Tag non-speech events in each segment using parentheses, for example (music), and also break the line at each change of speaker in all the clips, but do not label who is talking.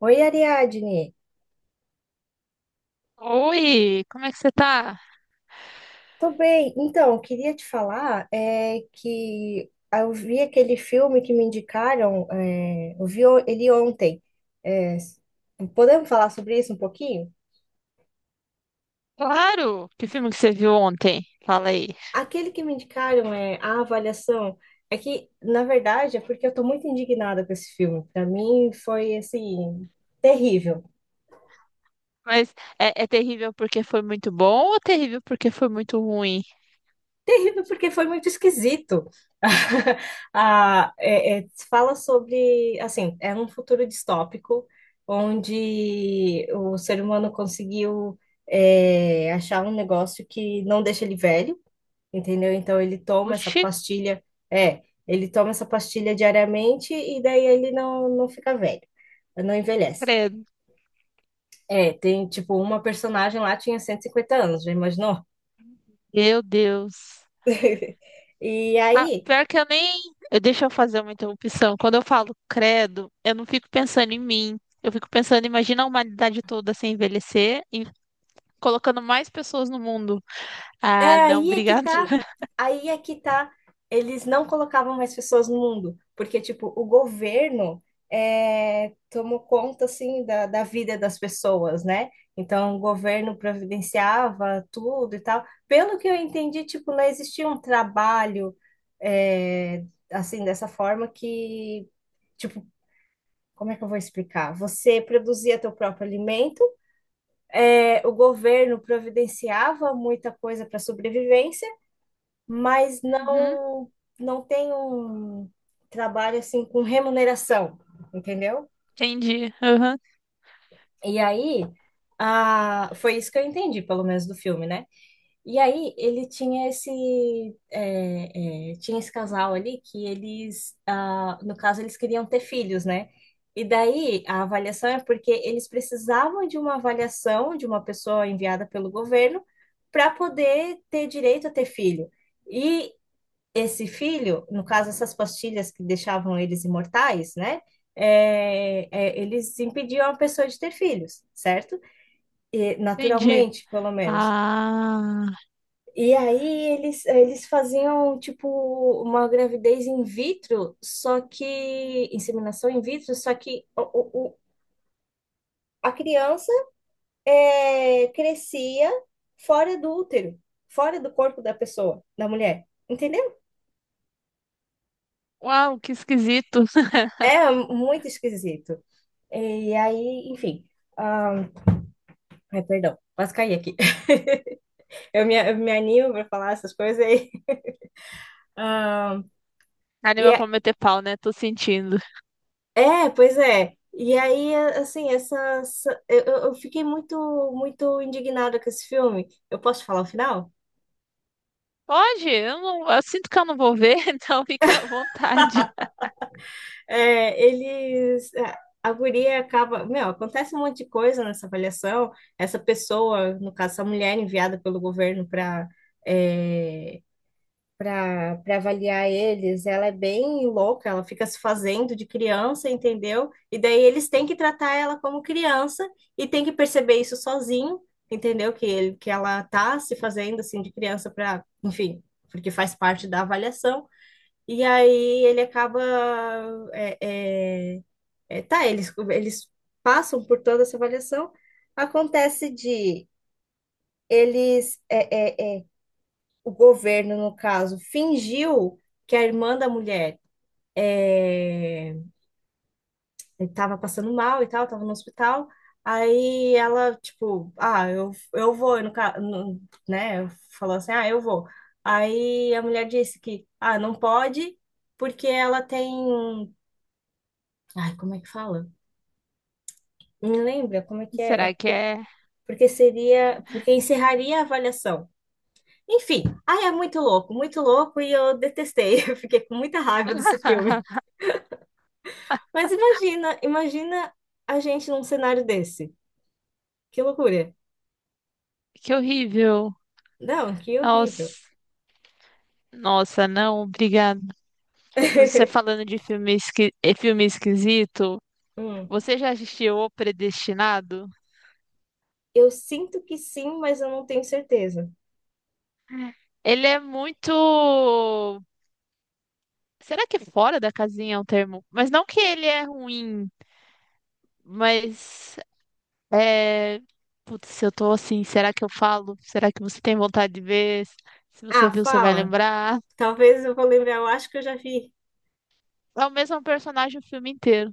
Oi, Ariadne.
Oi, como é que você tá?
Tô bem. Então, eu queria te falar que eu vi aquele filme que me indicaram, eu vi ele ontem. É, Podemos falar sobre isso um pouquinho?
Claro! Que filme que você viu ontem? Fala aí.
Aquele que me indicaram é a avaliação. É que, na verdade, é porque eu tô muito indignada com esse filme. Para mim foi assim terrível.
Mas é terrível porque foi muito bom ou terrível porque foi muito ruim?
Terrível porque foi muito esquisito. (laughs) Ah, fala sobre, assim, é um futuro distópico onde o ser humano conseguiu achar um negócio que não deixa ele velho, entendeu? Então
Oxi,
ele toma essa pastilha diariamente e daí ele não fica velho, não envelhece.
credo.
Tem tipo uma personagem lá tinha 150 anos, já imaginou?
Meu Deus.
(laughs) E
Ah, pior que eu nem. Deixa eu fazer uma interrupção. Quando eu falo credo, eu não fico pensando em mim. Eu fico pensando, imagina a humanidade toda sem envelhecer e colocando mais pessoas no mundo. Ah, não,
Aí é que
obrigado.
tá,
(laughs)
aí é que tá. Eles não colocavam mais pessoas no mundo, porque, tipo, o governo tomou conta, assim, da vida das pessoas, né? Então, o governo providenciava tudo e tal. Pelo que eu entendi, tipo, não existia um trabalho, é, assim, dessa forma que, tipo, como é que eu vou explicar? Você produzia teu próprio alimento, o governo providenciava muita coisa para sobrevivência, mas
Uhum,
não tem um trabalho assim com remuneração, entendeu?
entendi. Uhum,
E aí, ah, foi isso que eu entendi, pelo menos do filme, né? E aí ele tinha esse casal ali que eles, ah, no caso, eles queriam ter filhos, né? E daí a avaliação é porque eles precisavam de uma avaliação de uma pessoa enviada pelo governo para poder ter direito a ter filho. E esse filho, no caso, essas pastilhas que deixavam eles imortais, né? Eles impediam a pessoa de ter filhos, certo? E,
entendi.
naturalmente, pelo menos.
Ah.
E aí eles faziam tipo uma gravidez in vitro, só que inseminação in vitro, só que o- o- a criança crescia fora do útero, fora do corpo da pessoa, da mulher. Entendeu?
Uau, que esquisito. (laughs)
É muito esquisito. E aí, enfim. Ah, ai, perdão, quase caí aqui. (laughs) Eu me animo pra falar essas coisas aí. (laughs) Ah, e
Anime pra meter pau, né? Tô sentindo.
pois é. E aí, assim, eu fiquei muito, muito indignada com esse filme. Eu posso falar o final?
Pode, eu não, eu sinto que eu não vou ver, (laughs) então fica à vontade.
É, eles. é, A guria acaba. Meu, acontece um monte de coisa nessa avaliação. Essa pessoa, no caso, essa mulher enviada pelo governo para avaliar eles. Ela é bem louca, ela fica se fazendo de criança, entendeu? E daí eles têm que tratar ela como criança e têm que perceber isso sozinho, entendeu? Que ele, que ela tá se fazendo assim de criança para, enfim, porque faz parte da avaliação. E aí ele acaba. é, é, eles passam por toda essa avaliação. Acontece de eles é, é, é, o governo, no caso, fingiu que a irmã da mulher é, estava passando mal e tal, estava no hospital. Aí ela, tipo, ah, eu vou, no, ca- no, né? Falou assim, ah, eu vou. Aí a mulher disse que, ah, não pode, porque ela tem um. Ai, como é que fala? Me lembra como é que é?
Será que é?
Porque seria. Porque encerraria a avaliação. Enfim, ai, é muito louco, e eu detestei. (laughs) Eu fiquei com muita raiva desse filme.
(laughs)
Mas imagina, imagina a gente num cenário desse. Que loucura.
Que horrível.
Não, que horrível.
Nossa, nossa, não, obrigada. Mas você
(laughs)
falando de filme, filme esquisito,
Hum.
você já assistiu O Predestinado?
Eu sinto que sim, mas eu não tenho certeza.
Ele é muito. Será que é fora da casinha é um termo? Mas não que ele é ruim, mas. É, putz, se eu tô assim, será que eu falo? Será que você tem vontade de ver? Se você
Ah,
viu, você vai
fala.
lembrar.
Talvez eu vou lembrar, eu acho que eu já vi.
É o mesmo personagem o filme inteiro.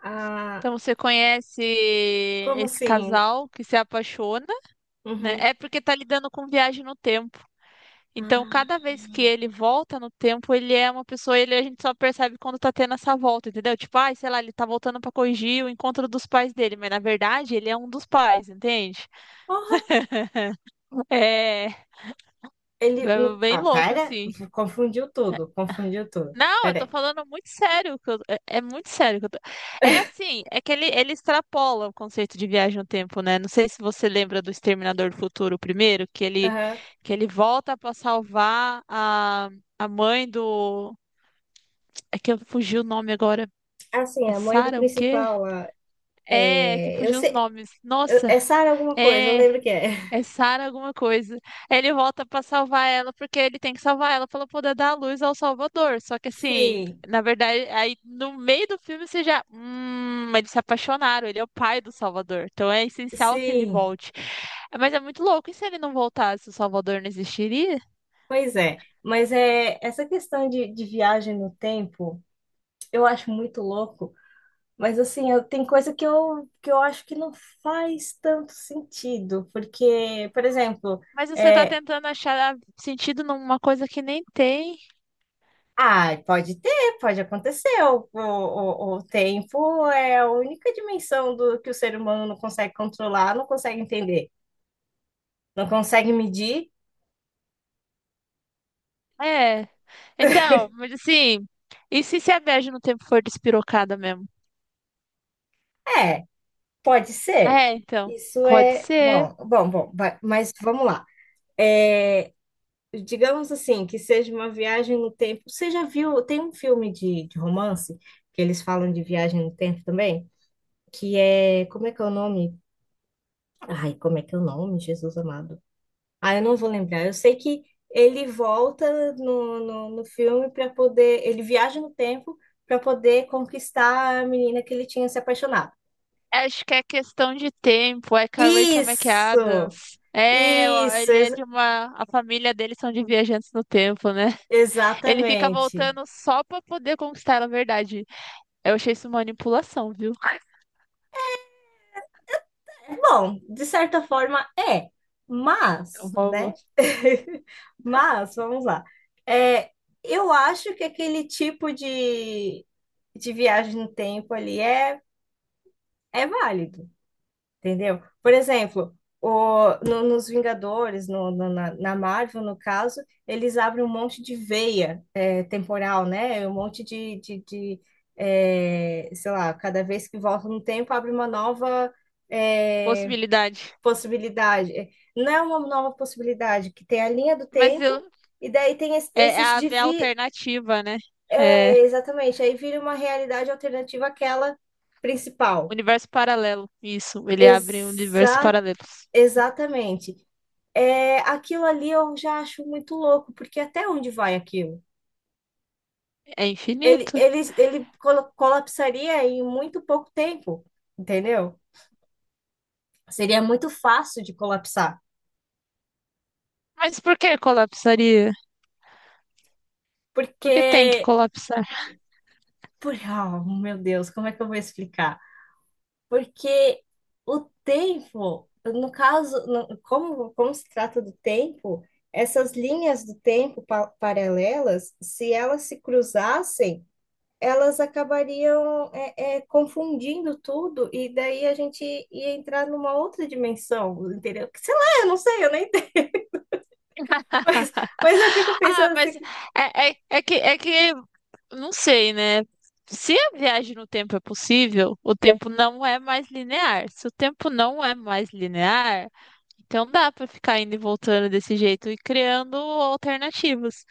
Ah,
Então você conhece
como
esse
assim?
casal que se apaixona, né?
Uhum.
É porque tá lidando com viagem no tempo. Então,
Ah,
cada vez que ele volta no tempo, ele é uma pessoa, ele a gente só percebe quando tá tendo essa volta, entendeu? Tipo, ai, sei lá, ele tá voltando pra corrigir o encontro dos pais dele, mas na verdade ele é um dos pais, entende?
porra.
É,
Ele.
é
Não-
bem
Ah,
louco
pera.
assim.
Confundiu tudo, confundiu tudo.
Não, eu
Pera
tô
aí.
falando muito sério. É é muito sério. É assim, é que ele extrapola o conceito de viagem no tempo, né? Não sei se você lembra do Exterminador do Futuro o primeiro,
Aham.
que ele volta pra salvar a mãe do. É que eu fugi o nome agora.
Assim,
É
a mãe do
Sarah o quê?
principal lá.
É, que
Eu
fugiu os
sei.
nomes. Nossa,
É Sarah alguma coisa, eu
é.
lembro que é.
É Sara alguma coisa. Ele volta pra salvar ela porque ele tem que salvar ela para poder dar luz ao Salvador. Só que
(laughs)
assim,
Sim,
na verdade, aí no meio do filme você já, eles se apaixonaram, ele é o pai do Salvador. Então é essencial que ele
sim.
volte. Mas é muito louco, e se ele não voltasse, o Salvador não existiria?
Pois é, mas é essa questão de, viagem no tempo, eu acho muito louco, mas assim, tem coisa que eu acho que não faz tanto sentido, porque, por exemplo,
Mas você tá
é,
tentando achar sentido numa coisa que nem tem.
pode ter, pode acontecer, o tempo é a única dimensão do que o ser humano não consegue controlar, não consegue entender, não consegue medir,
É. Então, mas assim, e se a viagem no tempo for despirocada mesmo?
é, pode ser,
É, então.
isso
Pode
é,
ser.
bom, bom, bom, mas vamos lá. É, Digamos assim, que seja uma viagem no tempo. Você já viu? Tem um filme de romance que eles falam de viagem no tempo também, que é, como é que é o nome? Ai, como é que é o nome, Jesus amado? Ah, eu não vou lembrar. Eu sei que ele volta no filme para poder, ele viaja no tempo para poder conquistar a menina que ele tinha se apaixonado.
Acho que é questão de tempo. É com a Rachel
Isso!
McAdams. É, ó,
Isso,
ele é de uma. A família dele são de viajantes no tempo, né? Ele fica
exatamente.
voltando só pra poder conquistar a verdade. Eu achei isso manipulação, viu?
Bom, de certa forma é,
É
mas,
Uma- uma
né? (laughs) Mas, vamos lá. É, eu acho que aquele tipo de viagem no tempo ali é, é válido, entendeu? Por exemplo, o, no- nos Vingadores, na Marvel, no caso, eles abrem um monte de veia temporal, né? Um monte sei lá, cada vez que volta no tempo, abre uma nova. é,
possibilidade.
Possibilidade. Não é uma nova possibilidade, que tem a linha do
Mas eu,
tempo e daí tem es-
é,
esses
abre a
divi...
alternativa, né? É
É, exatamente, aí vira uma realidade alternativa àquela principal.
universo paralelo. Isso, ele abre universos
Exa...
paralelos.
Exatamente. É, aquilo ali eu já acho muito louco, porque até onde vai aquilo?
É
Ele,
infinito.
ele, ele colapsaria em muito pouco tempo, entendeu? Seria muito fácil de colapsar,
Mas por que colapsaria? Por que tem que
porque...
colapsar?
Ah, meu Deus, como é que eu vou explicar? Porque o tempo, no caso, como se trata do tempo, essas linhas do tempo paralelas, se elas se cruzassem, elas acabariam confundindo tudo, e daí a gente ia entrar numa outra dimensão, entendeu? Que sei lá, eu não sei, eu nem entendo, (laughs) mas,
(laughs)
mas eu fico
Ah,
pensando assim,
mas
que
é que não sei, né? Se a viagem no tempo é possível, o tempo não é mais linear. Se o tempo não é mais linear, então dá pra ficar indo e voltando desse jeito e criando alternativas.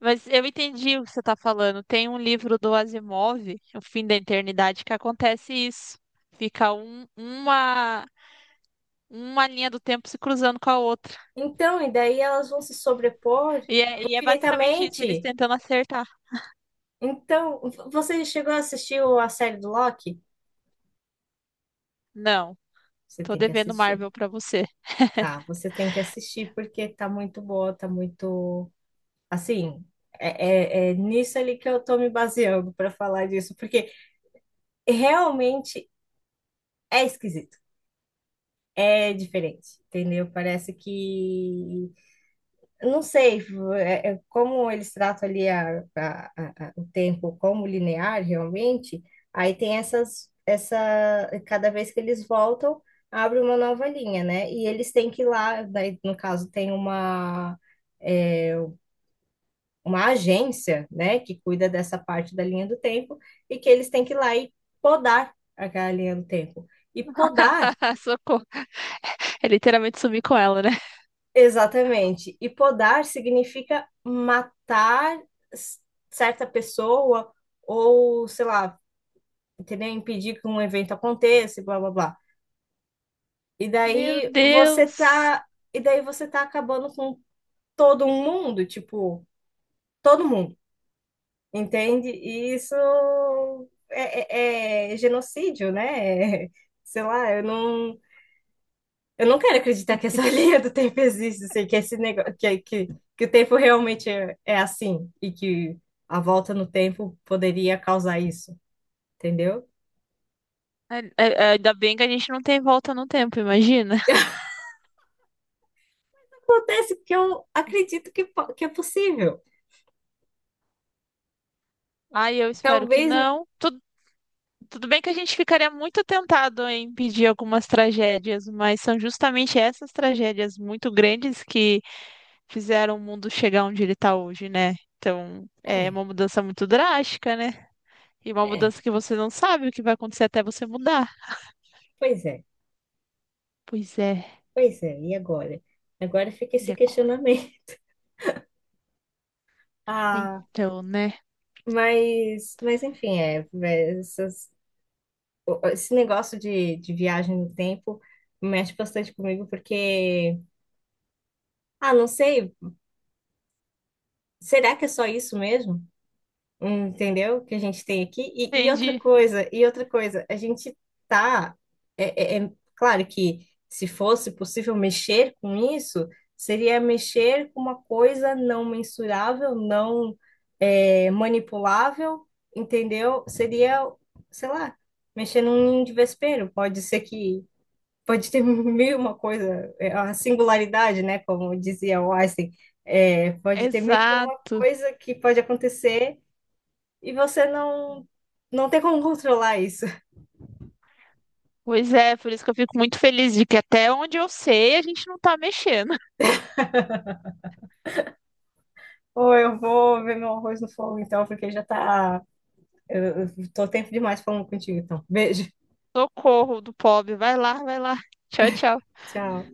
Mas eu entendi o que você tá falando. Tem um livro do Asimov, O Fim da Eternidade, que acontece isso. Fica uma linha do tempo se cruzando com a outra.
então, e daí elas vão se sobrepor
E é basicamente isso, eles
infinitamente.
tentando acertar.
Então, você chegou a assistir a série do Loki?
Não,
Você
tô
tem que
devendo
assistir.
Marvel pra você.
Tá, você tem que assistir porque tá muito boa, tá muito. Assim, nisso ali que eu tô me baseando para falar disso, porque realmente é esquisito, é diferente, entendeu? Parece que eu não sei é como eles tratam ali o tempo como linear realmente, aí tem cada vez que eles voltam, abre uma nova linha, né? E eles têm que ir lá, daí, no caso, tem uma, é, uma agência, né, que cuida dessa parte da linha do tempo, e que eles têm que ir lá e podar aquela linha do tempo. E podar
(laughs) Socorro. É literalmente sumir com ela, né?
exatamente. E podar significa matar s- certa pessoa ou, sei lá, entendeu? Impedir que um evento aconteça, e blá blá blá. E
Meu
daí você
Deus.
tá, e daí você tá acabando com todo mundo, tipo, todo mundo, entende? E isso é genocídio, né? (laughs) Sei lá, eu não. Eu não quero acreditar que essa (laughs) linha do tempo existe, assim, que esse negócio, que o tempo realmente é assim e que a volta no tempo poderia causar isso, entendeu?
Ainda bem que a gente não tem volta no tempo, imagina.
(laughs) Acontece que eu acredito que, que é possível.
Ai, eu espero que
Talvez.
não. Tudo, bem que a gente ficaria muito tentado em impedir algumas tragédias, mas são justamente essas tragédias muito grandes que fizeram o mundo chegar onde ele tá hoje, né? Então, é
É,
uma mudança muito drástica, né? E uma
é.
mudança que você não sabe o que vai acontecer até você mudar.
Pois é,
Pois é.
pois é. E agora? Agora fica
E
esse
agora?
questionamento. (laughs) Ah,
Então, né?
mas enfim, esse negócio de, viagem no tempo mexe bastante comigo porque, ah, não sei. Será que é só isso mesmo? Hum. Entendeu? Que a gente tem aqui. E outra
Entendi.
coisa, e outra coisa, a gente tá. É claro que se fosse possível mexer com isso, seria mexer com uma coisa não mensurável, não manipulável, entendeu? Seria, sei lá, mexer num ninho de vespeiro. Pode ser que pode ter (laughs) mil e uma coisa, é, a singularidade, né? Como dizia o Einstein. É, pode ter mil
Exato.
coisa que pode acontecer e você não não tem como controlar isso. (laughs)
Pois é, por isso que eu fico muito feliz de que até onde eu sei a gente não tá mexendo. (laughs)
Ou eu vou ver meu arroz no fogo, então, porque já tá. Eu tô tempo demais falando contigo, então. Beijo.
Socorro do pobre. Vai lá, vai lá. Tchau, tchau.
Tchau.